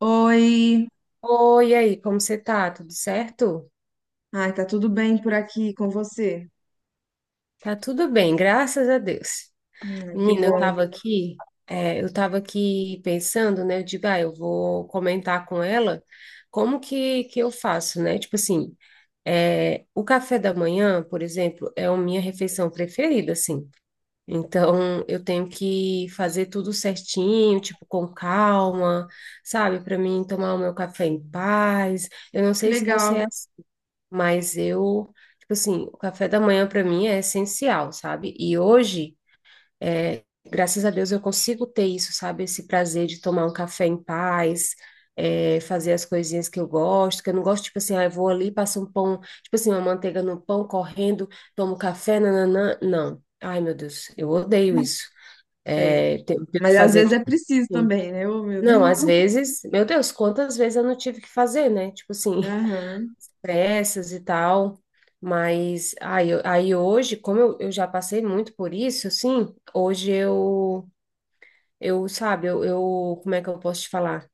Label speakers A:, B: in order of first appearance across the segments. A: Oi,
B: Oi, e aí, como você tá? Tudo certo?
A: ai, tá tudo bem por aqui com você?
B: Tá tudo bem, graças a Deus.
A: Ai, que
B: Menina, eu
A: bom,
B: tava aqui, eu tava aqui pensando, né? Eu digo, ah, eu vou comentar com ela como que eu faço, né? Tipo assim, o café da manhã, por exemplo, é a minha refeição preferida, assim. Então, eu tenho que fazer tudo certinho, tipo, com calma, sabe? Para mim tomar o meu café em paz. Eu não
A: que
B: sei se você
A: legal.
B: é. Mas eu, tipo assim, o café da manhã para mim é essencial, sabe? E hoje, graças a Deus, eu consigo ter isso, sabe? Esse prazer de tomar um café em paz, fazer as coisinhas que eu gosto, que eu não gosto, tipo assim, ah, eu vou ali, passo um pão, tipo assim, uma manteiga no pão, correndo, tomo café, nananã. Não. Ai, meu Deus, eu odeio isso.
A: É,
B: É, tenho que
A: mas às
B: fazer
A: vezes
B: tudo
A: é preciso
B: assim.
A: também, né? Ô, meu
B: Não,
A: Deus.
B: às vezes, meu Deus, quantas vezes eu não tive que fazer, né? Tipo assim,
A: Aham.
B: peças e tal. Mas aí, aí hoje, como eu já passei muito por isso, assim, hoje eu sabe, eu, como é que eu posso te falar?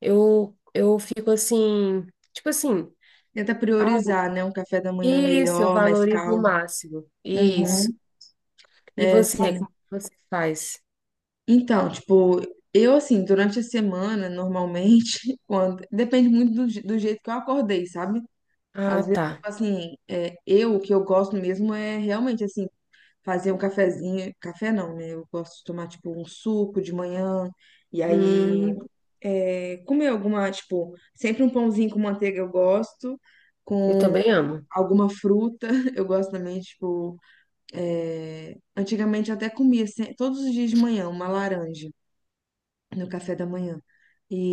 B: Eu fico assim, tipo assim,
A: Tenta
B: ah,
A: priorizar, né? Um café da manhã
B: isso, eu
A: melhor, mais
B: valorizo o
A: calmo.
B: máximo, isso.
A: Uhum.
B: E
A: É,
B: você,
A: sim.
B: como é que você faz?
A: Então, tipo, eu assim, durante a semana, normalmente, quando depende muito do, do jeito que eu acordei, sabe?
B: Ah,
A: Às vezes,
B: tá.
A: tipo assim, eu o que eu gosto mesmo é realmente assim fazer um cafezinho, café não, né? Eu gosto de tomar tipo um suco de manhã e aí
B: Hum,
A: comer alguma, tipo, sempre um pãozinho com manteiga eu gosto,
B: eu
A: com
B: também amo.
A: alguma fruta eu gosto também, tipo, antigamente eu até comia todos os dias de manhã uma laranja no café da manhã.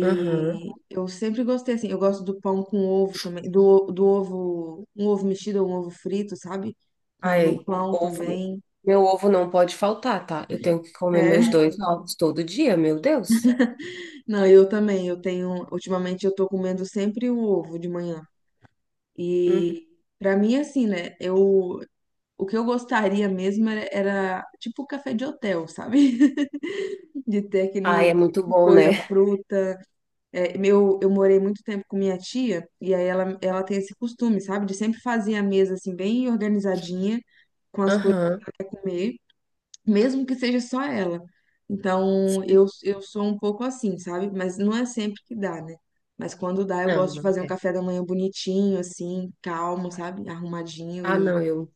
B: Aham.
A: eu sempre gostei assim, eu gosto do pão com ovo também, do ovo, um ovo mexido ou um ovo frito, sabe? Com- No
B: Aí,
A: pão
B: ovo.
A: também.
B: Meu ovo não pode faltar, tá? Eu tenho que comer meus
A: É.
B: dois ovos todo dia, meu Deus.
A: Não, eu também. Eu tenho. Ultimamente eu tô comendo sempre um ovo de manhã.
B: Uhum.
A: E pra mim, assim, né? Eu, o que eu gostaria mesmo era, era tipo café de hotel, sabe? De ter
B: Ai, é
A: aquele
B: muito bom,
A: coisa,
B: né?
A: fruta. É, meu, eu morei muito tempo com minha tia, e aí ela tem esse costume, sabe? De sempre fazer a mesa assim, bem organizadinha, com as coisas
B: Aham.
A: pra comer, mesmo que seja só ela. Então,
B: Sim.
A: eu sou um pouco assim, sabe? Mas não é sempre que dá, né? Mas quando dá, eu
B: Não,
A: gosto de
B: não
A: fazer um
B: é.
A: café da manhã bonitinho, assim, calmo, sabe? Arrumadinho.
B: Ah,
A: E.
B: não, eu.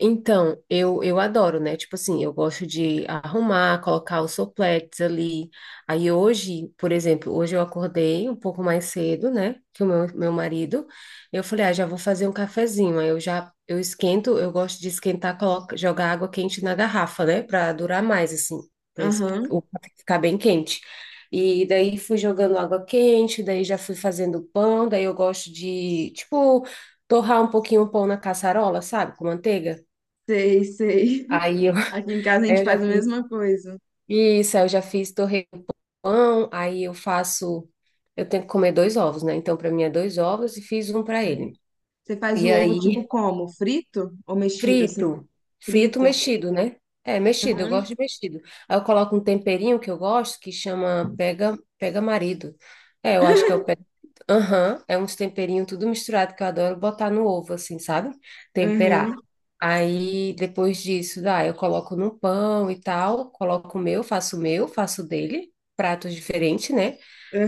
B: Então, eu adoro, né? Tipo assim, eu gosto de arrumar, colocar os sopletes ali. Aí hoje, por exemplo, hoje eu acordei um pouco mais cedo, né? Que o meu marido. Eu falei, ah, já vou fazer um cafezinho. Aí eu já, eu esquento, eu gosto de esquentar, coloca, jogar água quente na garrafa, né? Pra durar mais, assim, pra
A: Aham,
B: o café ficar bem quente. E daí fui jogando água quente, daí já fui fazendo pão, daí eu gosto de, tipo, torrar um pouquinho o pão na caçarola, sabe? Com manteiga.
A: sei, sei.
B: Aí eu,
A: Aqui em casa a
B: aí
A: gente
B: eu já
A: faz a
B: fiz
A: mesma coisa.
B: isso, aí eu já fiz torresmo com pão, aí eu faço, eu tenho que comer dois ovos, né? Então, para mim é dois ovos e fiz um para ele.
A: Você faz
B: E
A: o ovo tipo
B: aí
A: como? Frito ou mexido, assim?
B: frito. Frito
A: Frito?
B: mexido, né? É, mexido, eu
A: Aham,
B: gosto de mexido. Aí eu coloco um temperinho que eu gosto, que chama pega, pega marido. É, eu acho que é o pega. Aham, é uns temperinhos tudo misturado que eu adoro botar no ovo, assim, sabe?
A: aham,
B: Temperar. Aí depois disso, dá, eu coloco no pão e tal, coloco o meu, faço o meu, faço o dele, pratos diferentes, né?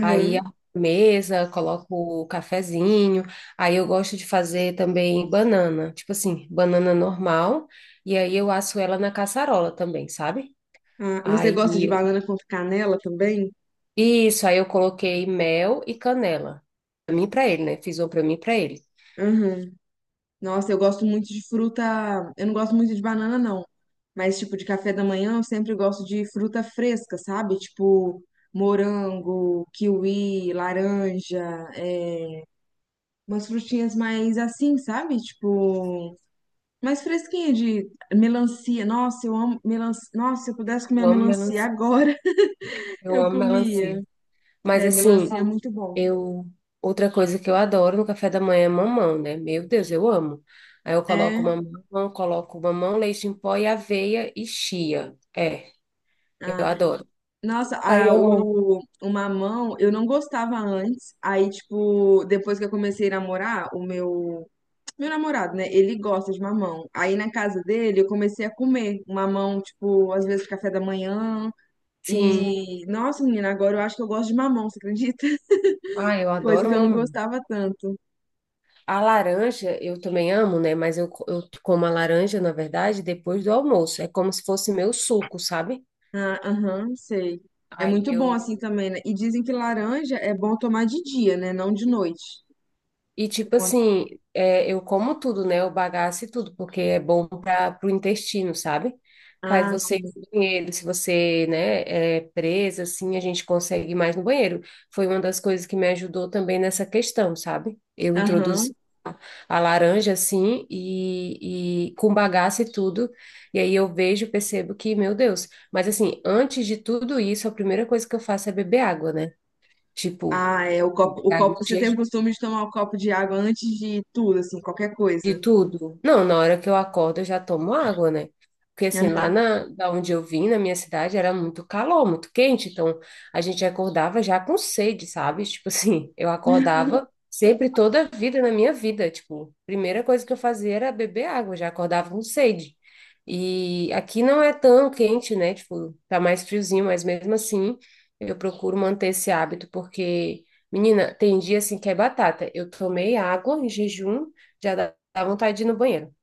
B: Aí a mesa, coloco o cafezinho. Aí eu gosto de fazer também banana, tipo assim, banana normal, e aí eu asso ela na caçarola também, sabe?
A: Ah, você
B: Aí,
A: gosta de banana com canela também?
B: isso, aí eu coloquei mel e canela. Pra mim e pra ele, né? Fiz uma pra mim e pra ele.
A: Aham. Nossa, eu gosto muito de fruta. Eu não gosto muito de banana, não. Mas, tipo, de café da manhã, eu sempre gosto de fruta fresca, sabe? Tipo, morango, kiwi, laranja, é, umas frutinhas mais assim, sabe? Tipo, mais fresquinha, de melancia. Nossa, eu amo melancia. Nossa, se eu pudesse comer
B: Eu
A: a
B: amo
A: melancia
B: melancia,
A: agora,
B: eu
A: eu
B: amo
A: comia.
B: melancia. Mas
A: É, melancia
B: assim,
A: é muito bom.
B: eu outra coisa que eu adoro no café da manhã é mamão, né? Meu Deus, eu amo. Aí eu
A: É,
B: coloco mamão, leite em pó e aveia e chia. É, eu adoro.
A: nossa,
B: Aí
A: a,
B: eu amo.
A: o, o mamão eu não gostava antes. Aí, tipo, depois que eu comecei a namorar, meu namorado, né? Ele gosta de mamão. Aí na casa dele eu comecei a comer mamão, tipo, às vezes café da manhã.
B: Sim.
A: E, nossa, menina, agora eu acho que eu gosto de mamão, você acredita?
B: Ah, eu
A: Coisa
B: adoro
A: que eu não
B: mamão.
A: gostava tanto.
B: A laranja eu também amo, né? Mas eu, eu como a laranja, na verdade, depois do almoço. É como se fosse meu suco, sabe?
A: Ah, aham, sei. É
B: Aí
A: muito bom
B: eu
A: assim também, né? E dizem que
B: é,
A: laranja é bom tomar de dia, né? Não de noite.
B: E tipo assim, eu como tudo, né? Eu bagaço e tudo, porque é bom para o intestino, sabe? Faz
A: Ah,
B: você
A: sim.
B: ir no banheiro, se você, né, é presa, assim, a gente consegue ir mais no banheiro. Foi uma das coisas que me ajudou também nessa questão, sabe? Eu introduzi
A: Aham.
B: a a laranja, assim, e com bagaço e tudo, e aí eu vejo, percebo que, meu Deus. Mas assim, antes de tudo isso, a primeira coisa que eu faço é beber água, né? Tipo,
A: Ah, é o copo, o
B: água
A: copo. Você
B: de
A: tem o costume de tomar o copo de água antes de tudo, assim, qualquer
B: De
A: coisa.
B: tudo? Não, na hora que eu acordo eu já tomo água, né? Porque assim,
A: Aham.
B: da onde eu vim, na minha cidade, era muito calor, muito quente, então a gente acordava já com sede, sabe? Tipo assim, eu acordava sempre toda a vida na minha vida, tipo, a primeira coisa que eu fazia era beber água, eu já acordava com sede. E aqui não é tão quente, né? Tipo, tá mais friozinho, mas mesmo assim, eu procuro manter esse hábito porque, menina, tem dia assim que é batata. Eu tomei água em jejum, já. Dá vontade de ir no banheiro.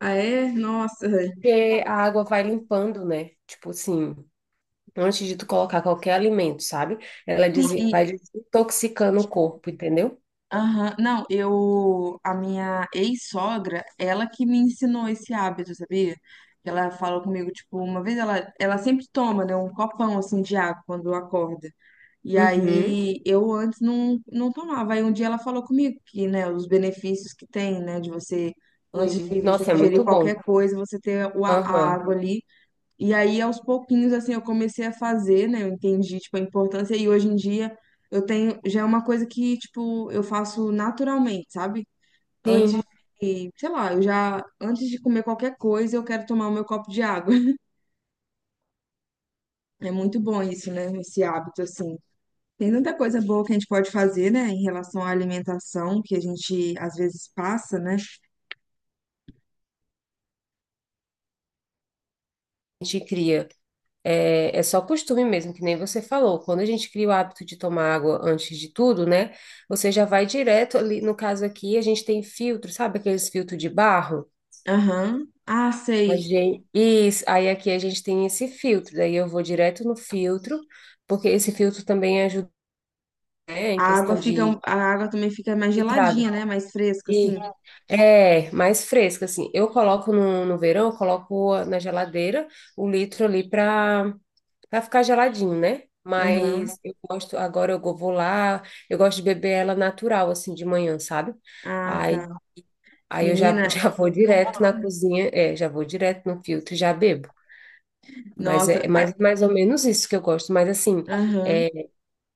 A: Ah, é? Nossa.
B: Porque a água vai limpando, né? Tipo assim, antes de tu colocar qualquer alimento, sabe? Ela vai desintoxicando o corpo, entendeu?
A: Aham, não, eu, a minha ex-sogra, ela que me ensinou esse hábito, sabia? Que ela falou comigo, tipo, uma vez ela sempre toma, né, um copão, assim, de água quando acorda. E
B: Uhum.
A: aí, eu antes não, não tomava. Aí um dia ela falou comigo que, né, os benefícios que tem, né, de você, antes
B: Sim.
A: de você
B: Nossa, é
A: ingerir
B: muito bom.
A: qualquer coisa, você ter o a
B: Aham.
A: água ali e aí, aos pouquinhos, assim, eu comecei a fazer, né? Eu entendi, tipo, a importância. E hoje em dia, eu tenho... Já é uma coisa que, tipo, eu faço naturalmente, sabe? Antes
B: Sim,
A: de... Sei lá, eu já... Antes de comer qualquer coisa, eu quero tomar o meu copo de água. É muito bom isso, né? Esse hábito, assim. Tem tanta coisa boa que a gente pode fazer, né? Em relação à alimentação, que a gente, às vezes, passa, né?
B: a gente cria. É, é só costume mesmo, que nem você falou. Quando a gente cria o hábito de tomar água antes de tudo, né? Você já vai direto ali. No caso aqui, a gente tem filtro, sabe aqueles filtros de barro?
A: Aham. Ah,
B: A
A: sei.
B: gente, isso, aí aqui a gente tem esse filtro, daí eu vou direto no filtro, porque esse filtro também ajuda, né, em
A: A água
B: questão
A: fica...
B: de
A: a água também fica mais
B: filtrada.
A: geladinha, né? Mais fresca, assim.
B: E é mais fresca, assim. Eu coloco no, no verão, eu coloco na geladeira o litro ali para para ficar geladinho, né?
A: Aham.
B: Mas eu gosto, agora eu vou lá, eu gosto de beber ela natural, assim, de manhã, sabe?
A: Ah,
B: Aí,
A: tá.
B: aí eu já, já
A: Menina,
B: vou direto na cozinha, é, já vou direto no filtro e já bebo. Mas é
A: nossa, ai,
B: mais, mais ou menos isso que eu gosto. Mas assim,
A: aham,
B: é,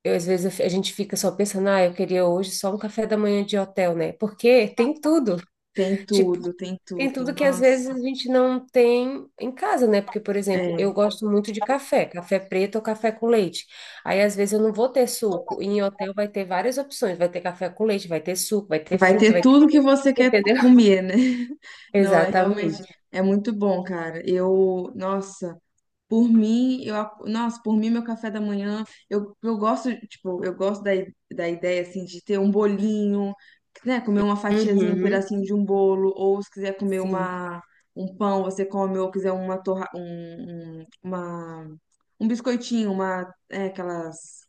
B: eu, às vezes eu a gente fica só pensando, ah, eu queria hoje só um café da manhã de hotel, né? Porque tem tudo.
A: tem
B: Tipo,
A: tudo, tem
B: tem
A: tudo.
B: tudo que às vezes
A: Nossa,
B: a gente não tem em casa, né? Porque, por exemplo, eu
A: é,
B: gosto muito de café, café preto ou café com leite. Aí, às vezes, eu não vou ter suco. E em hotel vai ter várias opções. Vai ter café com leite, vai ter suco, vai ter
A: vai
B: fruta,
A: ter
B: vai ter.
A: tudo que você quer
B: Entendeu?
A: comer, né? Não, é realmente,
B: Exatamente.
A: é muito bom, cara. Eu, nossa. Por mim, eu, nossa, por mim, meu café da manhã, eu gosto, tipo, eu gosto da, da ideia, assim, de ter um bolinho, né, comer uma fatiazinha, um
B: Uhum.
A: pedacinho de um bolo, ou se quiser comer
B: Sim.
A: uma, um pão, você come, ou quiser uma torra, uma, um biscoitinho, uma, é, aquelas,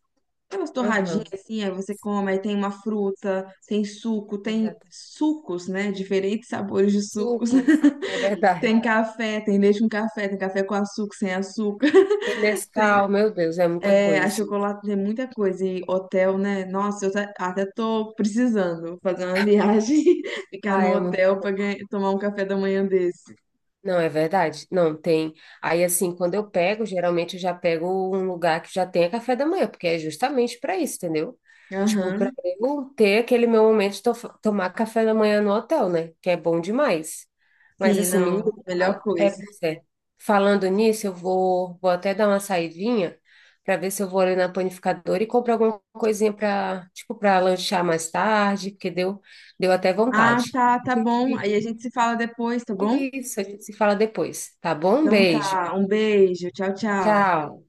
A: aquelas torradinhas,
B: Aham.
A: assim, aí você come,
B: Sim,
A: aí tem uma fruta, tem suco, tem
B: exato.
A: sucos, né, diferentes sabores de sucos,
B: Sucos. É
A: tem
B: verdade.
A: café, tem leite com café, tem café com açúcar, sem açúcar, tem
B: Nescau, meu Deus, é muita
A: é, a
B: coisa.
A: chocolate tem muita coisa e hotel, né? Nossa, eu até tô precisando fazer uma viagem, ficar
B: Ah,
A: no
B: é.
A: hotel para tomar um café da manhã desse.
B: Não, é verdade. Não tem. Aí, assim, quando eu pego, geralmente eu já pego um lugar que já tenha café da manhã, porque é justamente para isso, entendeu? Tipo, para
A: Aham,
B: eu ter aquele meu momento de tomar café da manhã no hotel, né? Que é bom demais. Mas,
A: sim,
B: assim,
A: não,
B: menina,
A: melhor coisa.
B: pois é. Falando nisso, eu vou, vou até dar uma saidinha para ver se eu vou ali na panificadora e comprar alguma coisinha para, tipo, para lanchar mais tarde, porque deu, deu até
A: Ah,
B: vontade.
A: tá, tá bom. Aí a gente se fala depois, tá bom?
B: Isso, a gente se fala depois, tá bom?
A: Então
B: Beijo.
A: tá, um beijo, tchau, tchau.
B: Tchau.